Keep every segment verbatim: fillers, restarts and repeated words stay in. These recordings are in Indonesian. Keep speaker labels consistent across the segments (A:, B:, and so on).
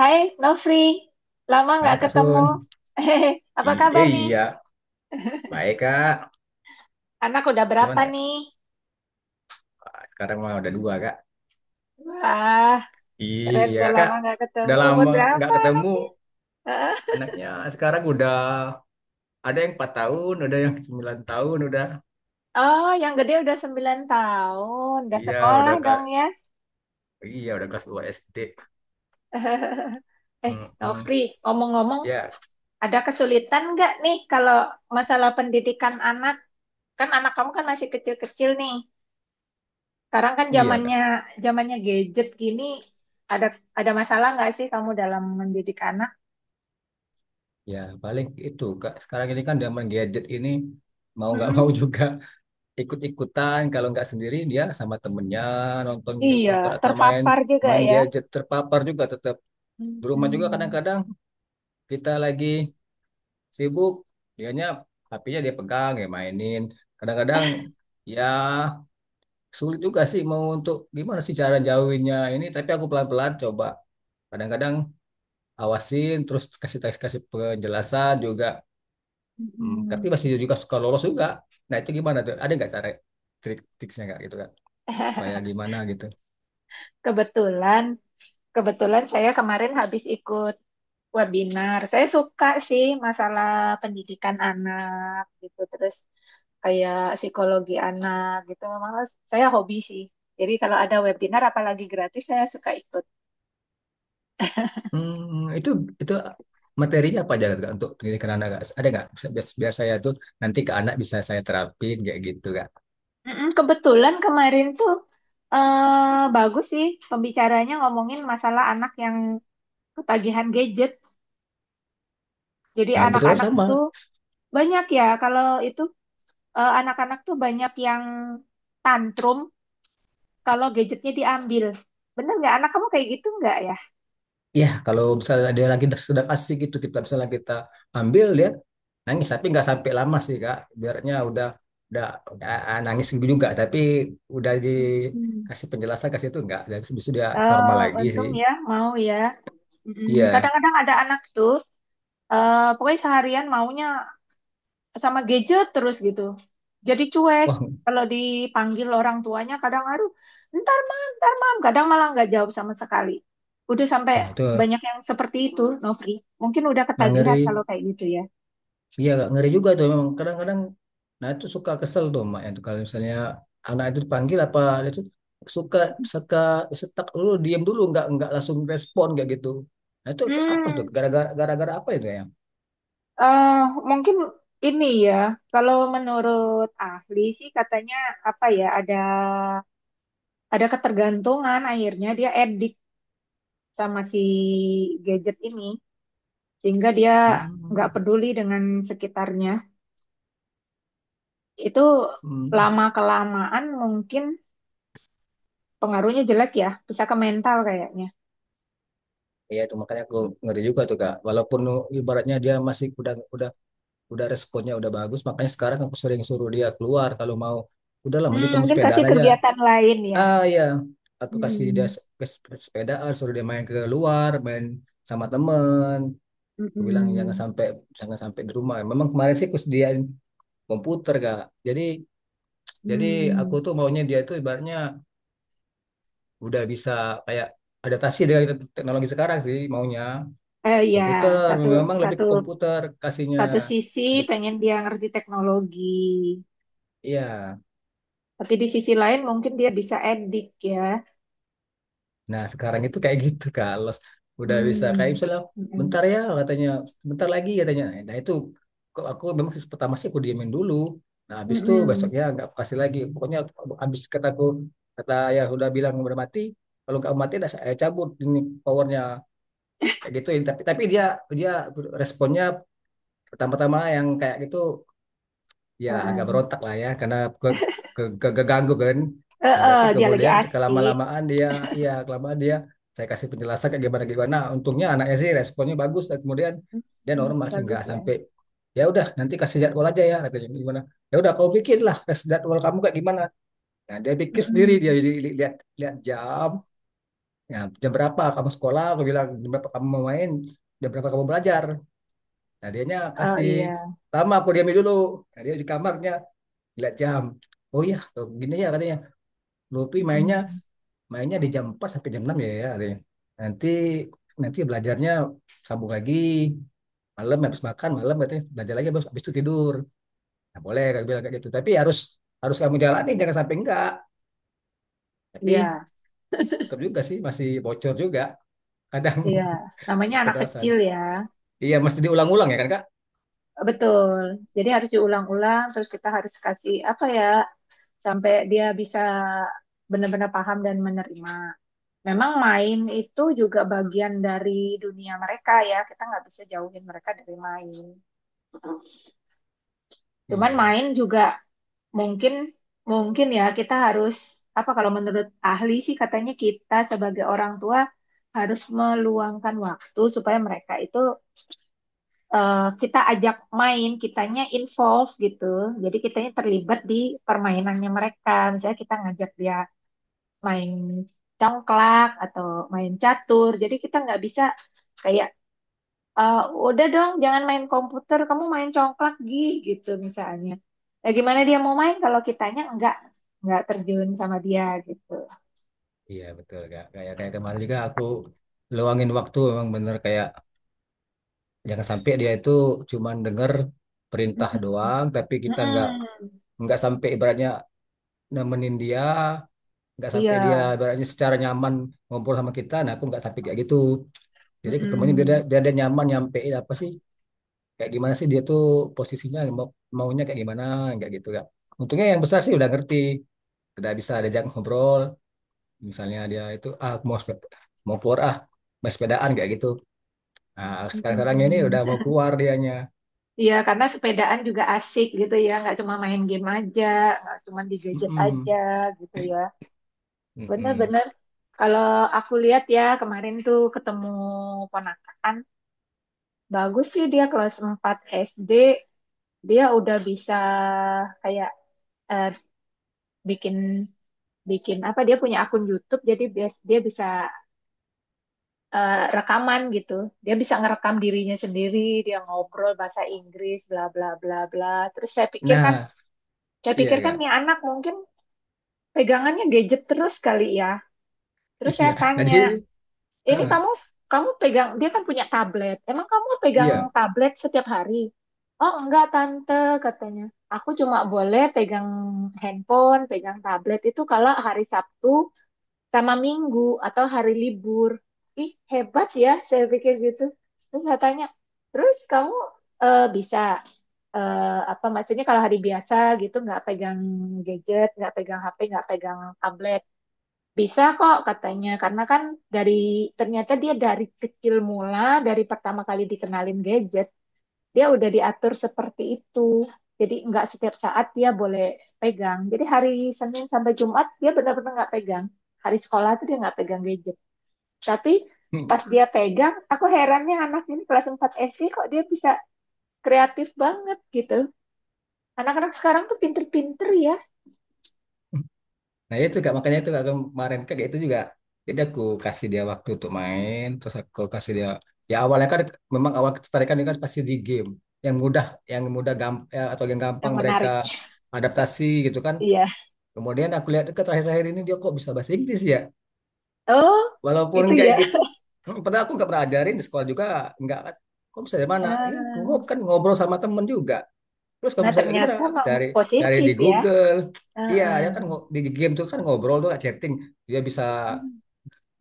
A: Hai Nofri, lama
B: Hai
A: nggak
B: Kak
A: ketemu.
B: Sun.
A: Hehehe, apa
B: I-
A: kabar
B: eh,
A: nih?
B: iya, baik Kak.
A: Anak udah berapa
B: Gimana Kak?
A: nih?
B: Wah, sekarang mah udah dua Kak.
A: Wah, keren
B: Iya
A: udah
B: Kakak,
A: lama nggak
B: udah
A: ketemu. Umur
B: lama nggak
A: berapa
B: ketemu.
A: anaknya? Heeh.
B: Anaknya sekarang udah ada yang empat tahun, ada yang sembilan tahun udah.
A: Oh, yang gede udah sembilan tahun, udah
B: Iya,
A: sekolah
B: udah Kak.
A: dong ya.
B: Iya, udah kelas dua S D.
A: Eh,
B: Mm-mm.
A: Nofri, ngomong-ngomong,
B: Ya,
A: ada kesulitan nggak nih kalau masalah pendidikan anak? Kan anak kamu kan masih kecil-kecil nih. Sekarang kan
B: iya
A: zamannya
B: Kak.
A: zamannya gadget gini, ada ada masalah nggak sih kamu dalam mendidik anak?
B: Ya, paling itu Kak. Sekarang ini kan zaman gadget ini mau nggak mau juga ikut-ikutan. Kalau nggak sendiri dia sama temennya nonton
A: Iya,
B: nonton atau main
A: terpapar juga
B: main
A: ya.
B: gadget terpapar juga. Di rumah juga
A: Mm-mm,
B: kadang-kadang kita lagi sibuk, dianya HPnya dia pegang ya mainin. Kadang-kadang ya sulit juga sih mau untuk gimana sih cara jauhinnya ini. Tapi aku pelan-pelan coba. Kadang-kadang awasin terus kasih teks kasih penjelasan juga. Hmm, tapi
A: mm-mm.
B: masih juga suka lolos juga. Nah itu gimana tuh? Ada nggak cara trik-triksnya nggak gitu kan? Supaya gimana gitu?
A: Kebetulan, kebetulan saya kemarin habis ikut webinar. Saya suka sih masalah pendidikan anak gitu, terus kayak psikologi anak gitu. Memang saya hobi sih. Jadi kalau ada webinar apalagi gratis saya suka ikut.
B: Hmm, itu itu materinya apa aja Kak, untuk pendidikan anak Kak? Ada nggak biar, biar saya tuh nanti ke anak bisa saya terapin kayak gitu Kak.
A: Mm-mm. Kebetulan kemarin tuh eh bagus sih pembicaranya ngomongin masalah anak yang ketagihan gadget. Jadi
B: Nah kebetulan
A: anak-anak
B: sama.
A: tuh banyak ya, kalau itu eh, anak-anak tuh banyak yang tantrum kalau gadgetnya diambil. Bener nggak? Anak kamu kayak gitu nggak ya?
B: Ya kalau misalnya dia lagi sedang asik gitu kita misalnya kita ambil, dia nangis tapi nggak sampai lama sih Kak. Biarnya udah udah, udah nangis juga tapi udah
A: Hmm.
B: dikasih penjelasan kasih itu nggak. Dan habis itu dia
A: Oh,
B: normal lagi
A: untung
B: sih.
A: ya, mau ya. Mm-mm.
B: Iya.
A: Kadang-kadang ada anak tuh, eh, pokoknya seharian maunya sama gadget terus gitu. Jadi cuek.
B: Wah,
A: Kalau dipanggil orang tuanya kadang aduh, ntar mam, ntar mam. Kadang malah nggak jawab sama sekali. Udah sampai
B: wah, itu
A: banyak yang seperti itu, Novri. Mungkin udah
B: nah,
A: ketagihan kalau
B: ngeri.
A: kayak gitu ya.
B: Iya, agak ngeri juga tuh memang kadang-kadang. Nah itu suka kesel tuh mak itu kalau misalnya anak itu dipanggil, apa itu suka suka setak dulu diam dulu nggak nggak langsung respon kayak gitu. Nah itu ke- apa tuh,
A: Hmm,
B: gara-gara gara-gara apa itu ya?
A: eh mungkin ini ya, kalau menurut ahli sih katanya apa ya, ada ada ketergantungan akhirnya dia edik sama si gadget ini sehingga dia nggak
B: Hmm.
A: peduli dengan sekitarnya. Itu
B: Hmm.
A: lama kelamaan mungkin pengaruhnya jelek ya, bisa ke mental kayaknya.
B: Iya itu makanya aku ngeri juga tuh kak. Walaupun ibaratnya dia masih udah udah udah responnya udah bagus, makanya sekarang aku sering suruh dia keluar kalau mau. Udahlah,
A: Hmm,
B: mending kamu
A: mungkin kasih
B: sepedaan aja.
A: kegiatan lain ya.
B: Ah ya, aku kasih dia
A: Hmm,
B: se- ke sep- sepedaan, suruh dia main keluar, main sama temen. Aku bilang jangan
A: mm-mm,
B: sampai jangan sampai di rumah. Memang kemarin sih aku sediain komputer kak. Jadi jadi aku
A: mm.
B: tuh maunya dia tuh ibaratnya udah bisa kayak adaptasi dengan te- teknologi sekarang sih, maunya
A: Eh ya,
B: komputer.
A: satu
B: Memang lebih
A: satu
B: ke komputer kasihnya.
A: satu sisi
B: Be-
A: pengen dia ngerti teknologi,
B: Iya.
A: tapi di sisi lain mungkin dia bisa edik ya.
B: Nah, sekarang itu kayak gitu, Kak. Los udah bisa kayak
A: Hmm,
B: misalnya
A: mm-mm,
B: bentar ya katanya, bentar lagi katanya. Nah, itu kok aku memang pertama sih aku diemin dulu. Nah, habis itu
A: mm-mm,
B: besoknya nggak aku kasih lagi. Pokoknya habis kataku kata ya udah bilang udah mati. Kalau nggak mati dah saya cabut ini powernya kayak gitu. Tapi tapi dia dia responnya pertama-tama yang kayak gitu ya agak
A: uh-uh.
B: berontak lah ya, karena ke, ke, ke- keganggu kan. Nah, tapi
A: Uh-uh, dia lagi
B: kemudian
A: asik.
B: kelama-lamaan dia, ya kelamaan dia saya kasih penjelasan kayak gimana gimana. Nah, untungnya anaknya sih responnya bagus dan kemudian dia
A: Mm,
B: normal sih,
A: bagus
B: nggak
A: ya.
B: sampai. Ya udah nanti kasih jadwal aja ya katanya gimana. Ya udah kau pikirlah kasih jadwal kamu kayak gimana. Nah, dia pikir sendiri, dia
A: Mm-mm.
B: li- li- lihat lihat jam. Nah, jam berapa kamu sekolah? Aku bilang jam berapa kamu mau main? Jam berapa kamu belajar? Nah, dianya
A: Oh
B: kasih
A: iya.
B: lama, aku diamin dulu. Nah, dia di kamarnya lihat jam, oh iya tuh, gini ya katanya, Luffy mainnya
A: Mm-mm.
B: mainnya di jam empat sampai jam enam ya ya katanya, nanti nanti belajarnya sambung lagi malam habis makan malam katanya, belajar lagi, habis, habis itu tidur. Nah, boleh kayak bilang kayak gitu tapi harus harus kamu jalani jangan sampai enggak, tapi
A: Iya,
B: tetap juga sih masih bocor juga kadang.
A: iya. Namanya anak
B: Pembalasan
A: kecil ya,
B: iya, mesti diulang-ulang ya kan kak,
A: betul. Jadi harus diulang-ulang, terus kita harus kasih apa ya, sampai dia bisa benar-benar paham dan menerima. Memang main itu juga bagian dari dunia mereka ya. Kita nggak bisa jauhin mereka dari main. Cuman
B: iya
A: main juga mungkin mungkin ya kita harus apa kalau menurut ahli sih katanya kita sebagai orang tua harus meluangkan waktu supaya mereka itu eh, kita ajak main, kitanya involve gitu. Jadi kitanya terlibat di permainannya mereka. Misalnya kita ngajak dia main congklak atau main catur. Jadi kita nggak bisa kayak "Eh, udah dong, jangan main komputer, kamu main congklak Gi," gitu misalnya. Ya gimana dia mau main kalau kitanya enggak enggak terjun sama dia gitu.
B: iya betul kak, kayak kayak kemarin juga aku luangin waktu memang bener kayak jangan sampai dia itu cuman denger perintah
A: Mm-mm.
B: doang, tapi kita nggak
A: Mm-mm.
B: nggak sampai ibaratnya nemenin dia, nggak sampai dia
A: Iya.
B: ibaratnya secara nyaman ngobrol sama kita. Nah, aku nggak sampai kayak gitu. Jadi ketemunya biar dia,
A: Mm-mm.
B: biar dia nyaman nyampein apa sih, kayak gimana sih dia tuh posisinya mau, maunya kayak gimana, nggak gitu ya. Untungnya yang besar sih udah ngerti, udah bisa diajak ngobrol. Misalnya dia itu ah mau sepe- mau keluar ah, mau sepedaan kayak gitu. Nah, sekarang-sekarang ini
A: Mm-mm.
B: udah mau keluar dianya.
A: Iya, karena sepedaan juga asik gitu ya, nggak cuma main game aja, nggak cuma di gadget aja
B: Mm-mm.
A: gitu ya.
B: Mm-mm.
A: Bener-bener, kalau aku lihat ya kemarin tuh ketemu ponakan, bagus sih dia kelas empat S D, dia udah bisa kayak eh, bikin bikin apa dia punya akun YouTube jadi dia dia bisa eh, rekaman gitu dia bisa ngerekam dirinya sendiri dia ngobrol bahasa Inggris bla bla bla bla terus saya pikir kan
B: Nah,
A: saya
B: iya
A: pikir kan nih
B: kak.
A: anak mungkin pegangannya gadget terus kali ya terus
B: Iya.
A: saya
B: Nah di
A: tanya
B: sini,
A: ini
B: heeh,
A: kamu kamu pegang dia kan punya tablet. Emang kamu pegang
B: iya.
A: tablet setiap hari? Oh enggak tante katanya. Aku cuma boleh pegang handphone, pegang tablet itu kalau hari Sabtu sama Minggu atau hari libur. Ih hebat ya, saya pikir gitu. Terus saya tanya, terus kamu eh, bisa eh, apa maksudnya kalau hari biasa gitu nggak pegang gadget, nggak pegang H P, nggak pegang tablet. Bisa kok katanya, karena kan dari ternyata dia dari kecil mula, dari pertama kali dikenalin gadget, dia udah diatur seperti itu. Jadi nggak setiap saat dia boleh pegang. Jadi hari Senin sampai Jumat dia benar-benar nggak pegang. Hari sekolah tuh dia nggak pegang gadget. Tapi
B: Hmm.
A: pas dia pegang, aku herannya anak ini kelas empat S D kok dia bisa kreatif banget gitu. Anak-anak sekarang tuh pinter-pinter ya,
B: Nah itu kak, makanya itu kak, kemarin kak itu juga. Jadi aku kasih dia waktu untuk main, terus aku kasih dia. Ya awalnya kan memang awal ketertarikan ini kan pasti di game yang mudah, yang mudah gamp ya, atau yang gampang
A: yang
B: mereka
A: menarik.
B: adaptasi gitu kan.
A: Iya.
B: Kemudian aku lihat ke terakhir-terakhir ini dia kok bisa bahasa Inggris ya.
A: Oh,
B: Walaupun
A: itu
B: kayak
A: ya.
B: gitu, hmm, padahal aku nggak pernah ajarin, di sekolah juga nggak. Kok bisa dari mana? Ini kok
A: Ah.
B: kan ngobrol sama temen juga. Terus kalau
A: Nah,
B: misalnya kayak gimana?
A: ternyata memang
B: Cari cari
A: positif
B: di
A: ya.
B: Google. Iya,
A: Heeh.
B: ya kan ngo- di game tuh kan ngobrol tuh chatting. Dia bisa,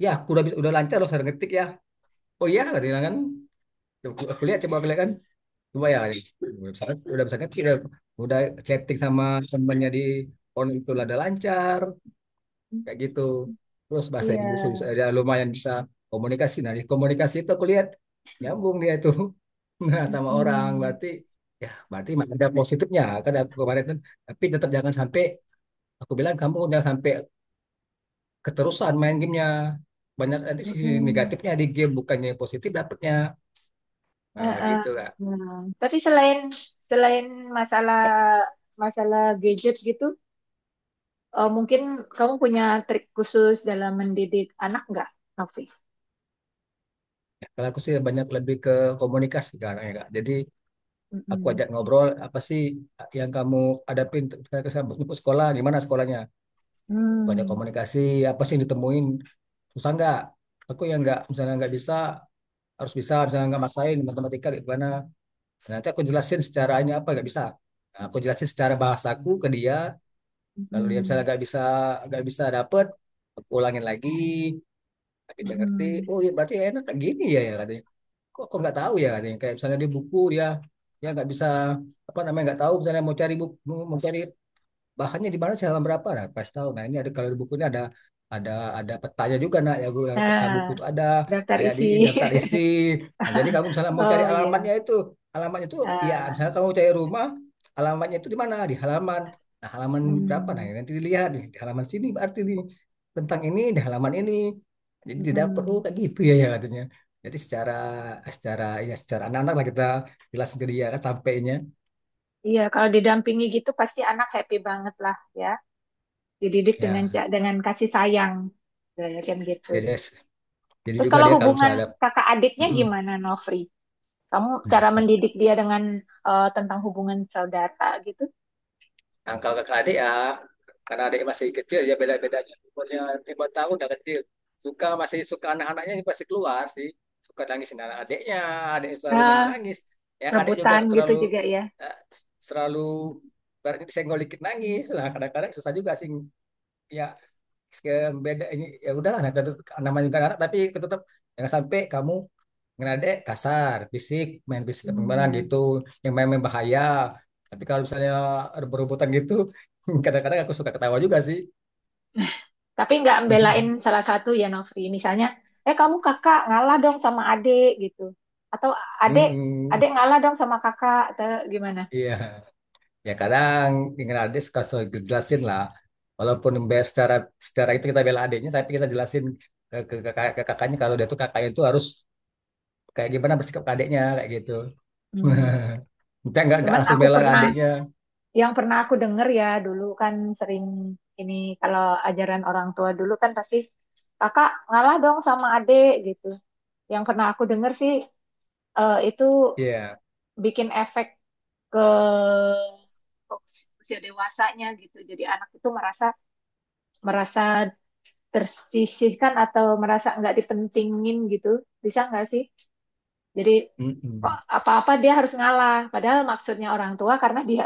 B: ya aku udah bisa- udah lancar loh saya ngetik ya. Oh iya kata dia kan. Coba Aku, aku lihat, coba aku lihat kan. Coba ya. Udah bisa, udah bisa ngetik udah, udah chatting sama temannya di online itu udah lancar kayak gitu, terus bahasa Inggris bisa,
A: Iya.
B: ya lumayan bisa komunikasi. Nah di komunikasi itu aku lihat nyambung dia itu. Nah sama orang
A: Mm-mm.
B: berarti, ya berarti masih ada positifnya kan. Aku kemarin kan, tapi tetap jangan sampai, aku bilang kamu jangan sampai keterusan main gamenya, banyak nanti sisi
A: Mm-mm.
B: negatifnya di game bukannya yang positif dapatnya. Nah,
A: Heeh.
B: itu kak.
A: Nah, tapi selain selain masalah masalah gadget gitu, eh, mungkin kamu punya trik khusus dalam mendidik anak nggak, Novi?
B: Ya, kalau aku sih banyak lebih ke komunikasi sekarang ya kak, jadi aku
A: Mm-mm.
B: ajak ngobrol apa sih yang kamu hadapin ketika ke sekolah, gimana sekolahnya. Aku ajak
A: Hmm.
B: komunikasi apa sih yang ditemuin, susah nggak, aku yang nggak, misalnya nggak bisa harus bisa, misalnya nggak maksain matematika kayak gimana. Nah, nanti aku jelasin secara ini apa nggak bisa. Nah, aku jelasin secara bahasaku ke dia kalau dia misalnya
A: Mm-mm.
B: nggak bisa nggak bisa dapet, aku ulangin lagi tapi dia ngerti.
A: Mm-mm.
B: Oh iya berarti enak kayak gini ya, ya katanya. Kok aku nggak tahu ya katanya, kayak misalnya di buku dia dia nggak bisa apa namanya, nggak tahu misalnya mau cari buku, mau cari bahannya di mana sih halaman berapa. Nah pas tahu, nah ini ada, kalau di buku ini ada, ada ada petanya juga nak ya, gue peta buku
A: Nah,
B: tuh ada,
A: daftar
B: kayak di
A: isi.
B: daftar isi. Nah jadi kamu misalnya mau cari
A: Oh iya.
B: alamatnya itu alamatnya itu ya,
A: Ah.
B: misalnya kamu cari rumah alamatnya itu di mana, di halaman nah halaman berapa, nah
A: Hmm.
B: nanti dilihat di, di halaman sini berarti di tentang ini di halaman ini, jadi tidak perlu
A: Mm-mm.
B: kayak gitu ya, ya katanya. Jadi secara secara ya secara anak-anak lah kita jelasin ke dia kan sampainya.
A: Iya, kalau didampingi gitu pasti anak happy banget lah ya. Dididik dengan
B: Ya
A: ca- dengan kasih sayang, saya yakin gitu.
B: jadi jadi
A: Terus
B: juga
A: kalau
B: dia kalau
A: hubungan
B: misalnya ada.
A: kakak adiknya
B: Mm-mm.
A: gimana, Nofri? Kamu cara
B: Nah,
A: mendidik dia dengan eh, tentang hubungan saudara gitu?
B: nah, kalau kakak adik ya, karena adik masih kecil ya, beda-bedanya umurnya lima tahun udah kecil. Suka masih suka anak-anaknya ini pasti keluar sih. Suka nangisin anak adiknya, adik selalu
A: Ah,
B: nangis-nangis. Yang adik juga
A: rebutan gitu
B: terlalu
A: juga ya.
B: eh, selalu, berarti disenggol dikit nangis. Lah kadang-kadang susah juga sih, ya ke- beda ini, ya udahlah nah, tetep- namanya juga anak, tapi tetap jangan sampai kamu ngerade kasar, fisik, main fisik gimana
A: Hmm.
B: gitu, yang main-main bahaya. Tapi kalau misalnya rebut-rebutan gitu, kadang-kadang aku suka ketawa juga sih.
A: Tapi nggak belain salah satu ya, Nofri. Misalnya, eh kamu kakak ngalah dong sama adik gitu. Atau adik, adik
B: Hmm,
A: ngalah dong sama kakak. Atau gimana?
B: iya. Ya kadang ngerade suka suka jelasin lah. Walaupun be- secara secara itu kita bela adiknya, tapi kita jelasin ke, ke, kakak- ke kakaknya kalau dia tuh kakaknya itu harus kayak gimana bersikap ke adiknya kayak gitu.
A: Hmm.
B: Kita nggak nggak
A: Cuman
B: langsung
A: aku
B: bela
A: pernah
B: adiknya.
A: yang pernah aku dengar ya dulu kan sering ini kalau ajaran orang tua dulu kan pasti kakak ngalah dong sama adik gitu. Yang pernah aku dengar sih eh, itu
B: Iya.
A: bikin efek ke usia dewasanya gitu. Jadi anak itu merasa merasa tersisihkan atau merasa nggak dipentingin gitu. Bisa nggak sih? Jadi kok
B: Mm-mm.
A: apa-apa dia harus ngalah. Padahal maksudnya orang tua karena dia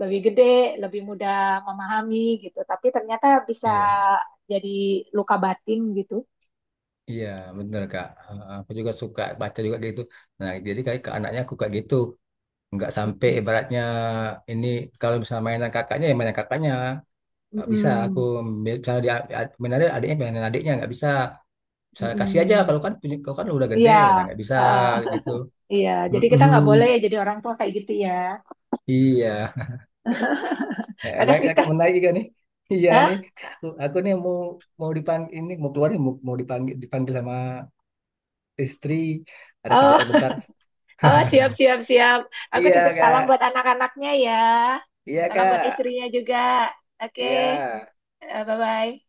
A: lebih gede, lebih mudah memahami gitu. Tapi ternyata bisa
B: Iya.
A: jadi luka batin gitu.
B: Iya, bener Kak. Eh, Aku juga suka baca juga kayak gitu. Nah, jadi kayak ke anaknya aku kayak gitu. Nggak sampai ibaratnya ini, kalau misalnya mainan kakaknya ya mainan kakaknya. Nggak bisa aku
A: Mm-mm,
B: misalnya dia mainan adiknya adiknya mainan adiknya nggak bisa. Misalnya kasih aja
A: mm-mm.
B: kalau kan punya kau kan udah gede,
A: Iya,
B: nah, nggak bisa
A: heeh,
B: gitu.
A: iya. Jadi kita nggak boleh ya
B: Mm-mm.
A: jadi orang tua kayak gitu ya.
B: Iya. Eh,
A: Kadang
B: baik
A: kita,
B: Kak, menarik juga nih. Iya nih.
A: hah?
B: Aku, aku nih mau mau dipanggil ini, mau keluar nih, mau, mau dipanggil dipanggil sama istri. Ada
A: Oh,
B: kerjaan bentar.
A: oh siap, siap, siap. Aku titip
B: Iya,
A: salam buat
B: Kak.
A: anak-anaknya ya.
B: Iya
A: Salam buat
B: kak,
A: istrinya juga. Oke,
B: iya.
A: eh, bye-bye.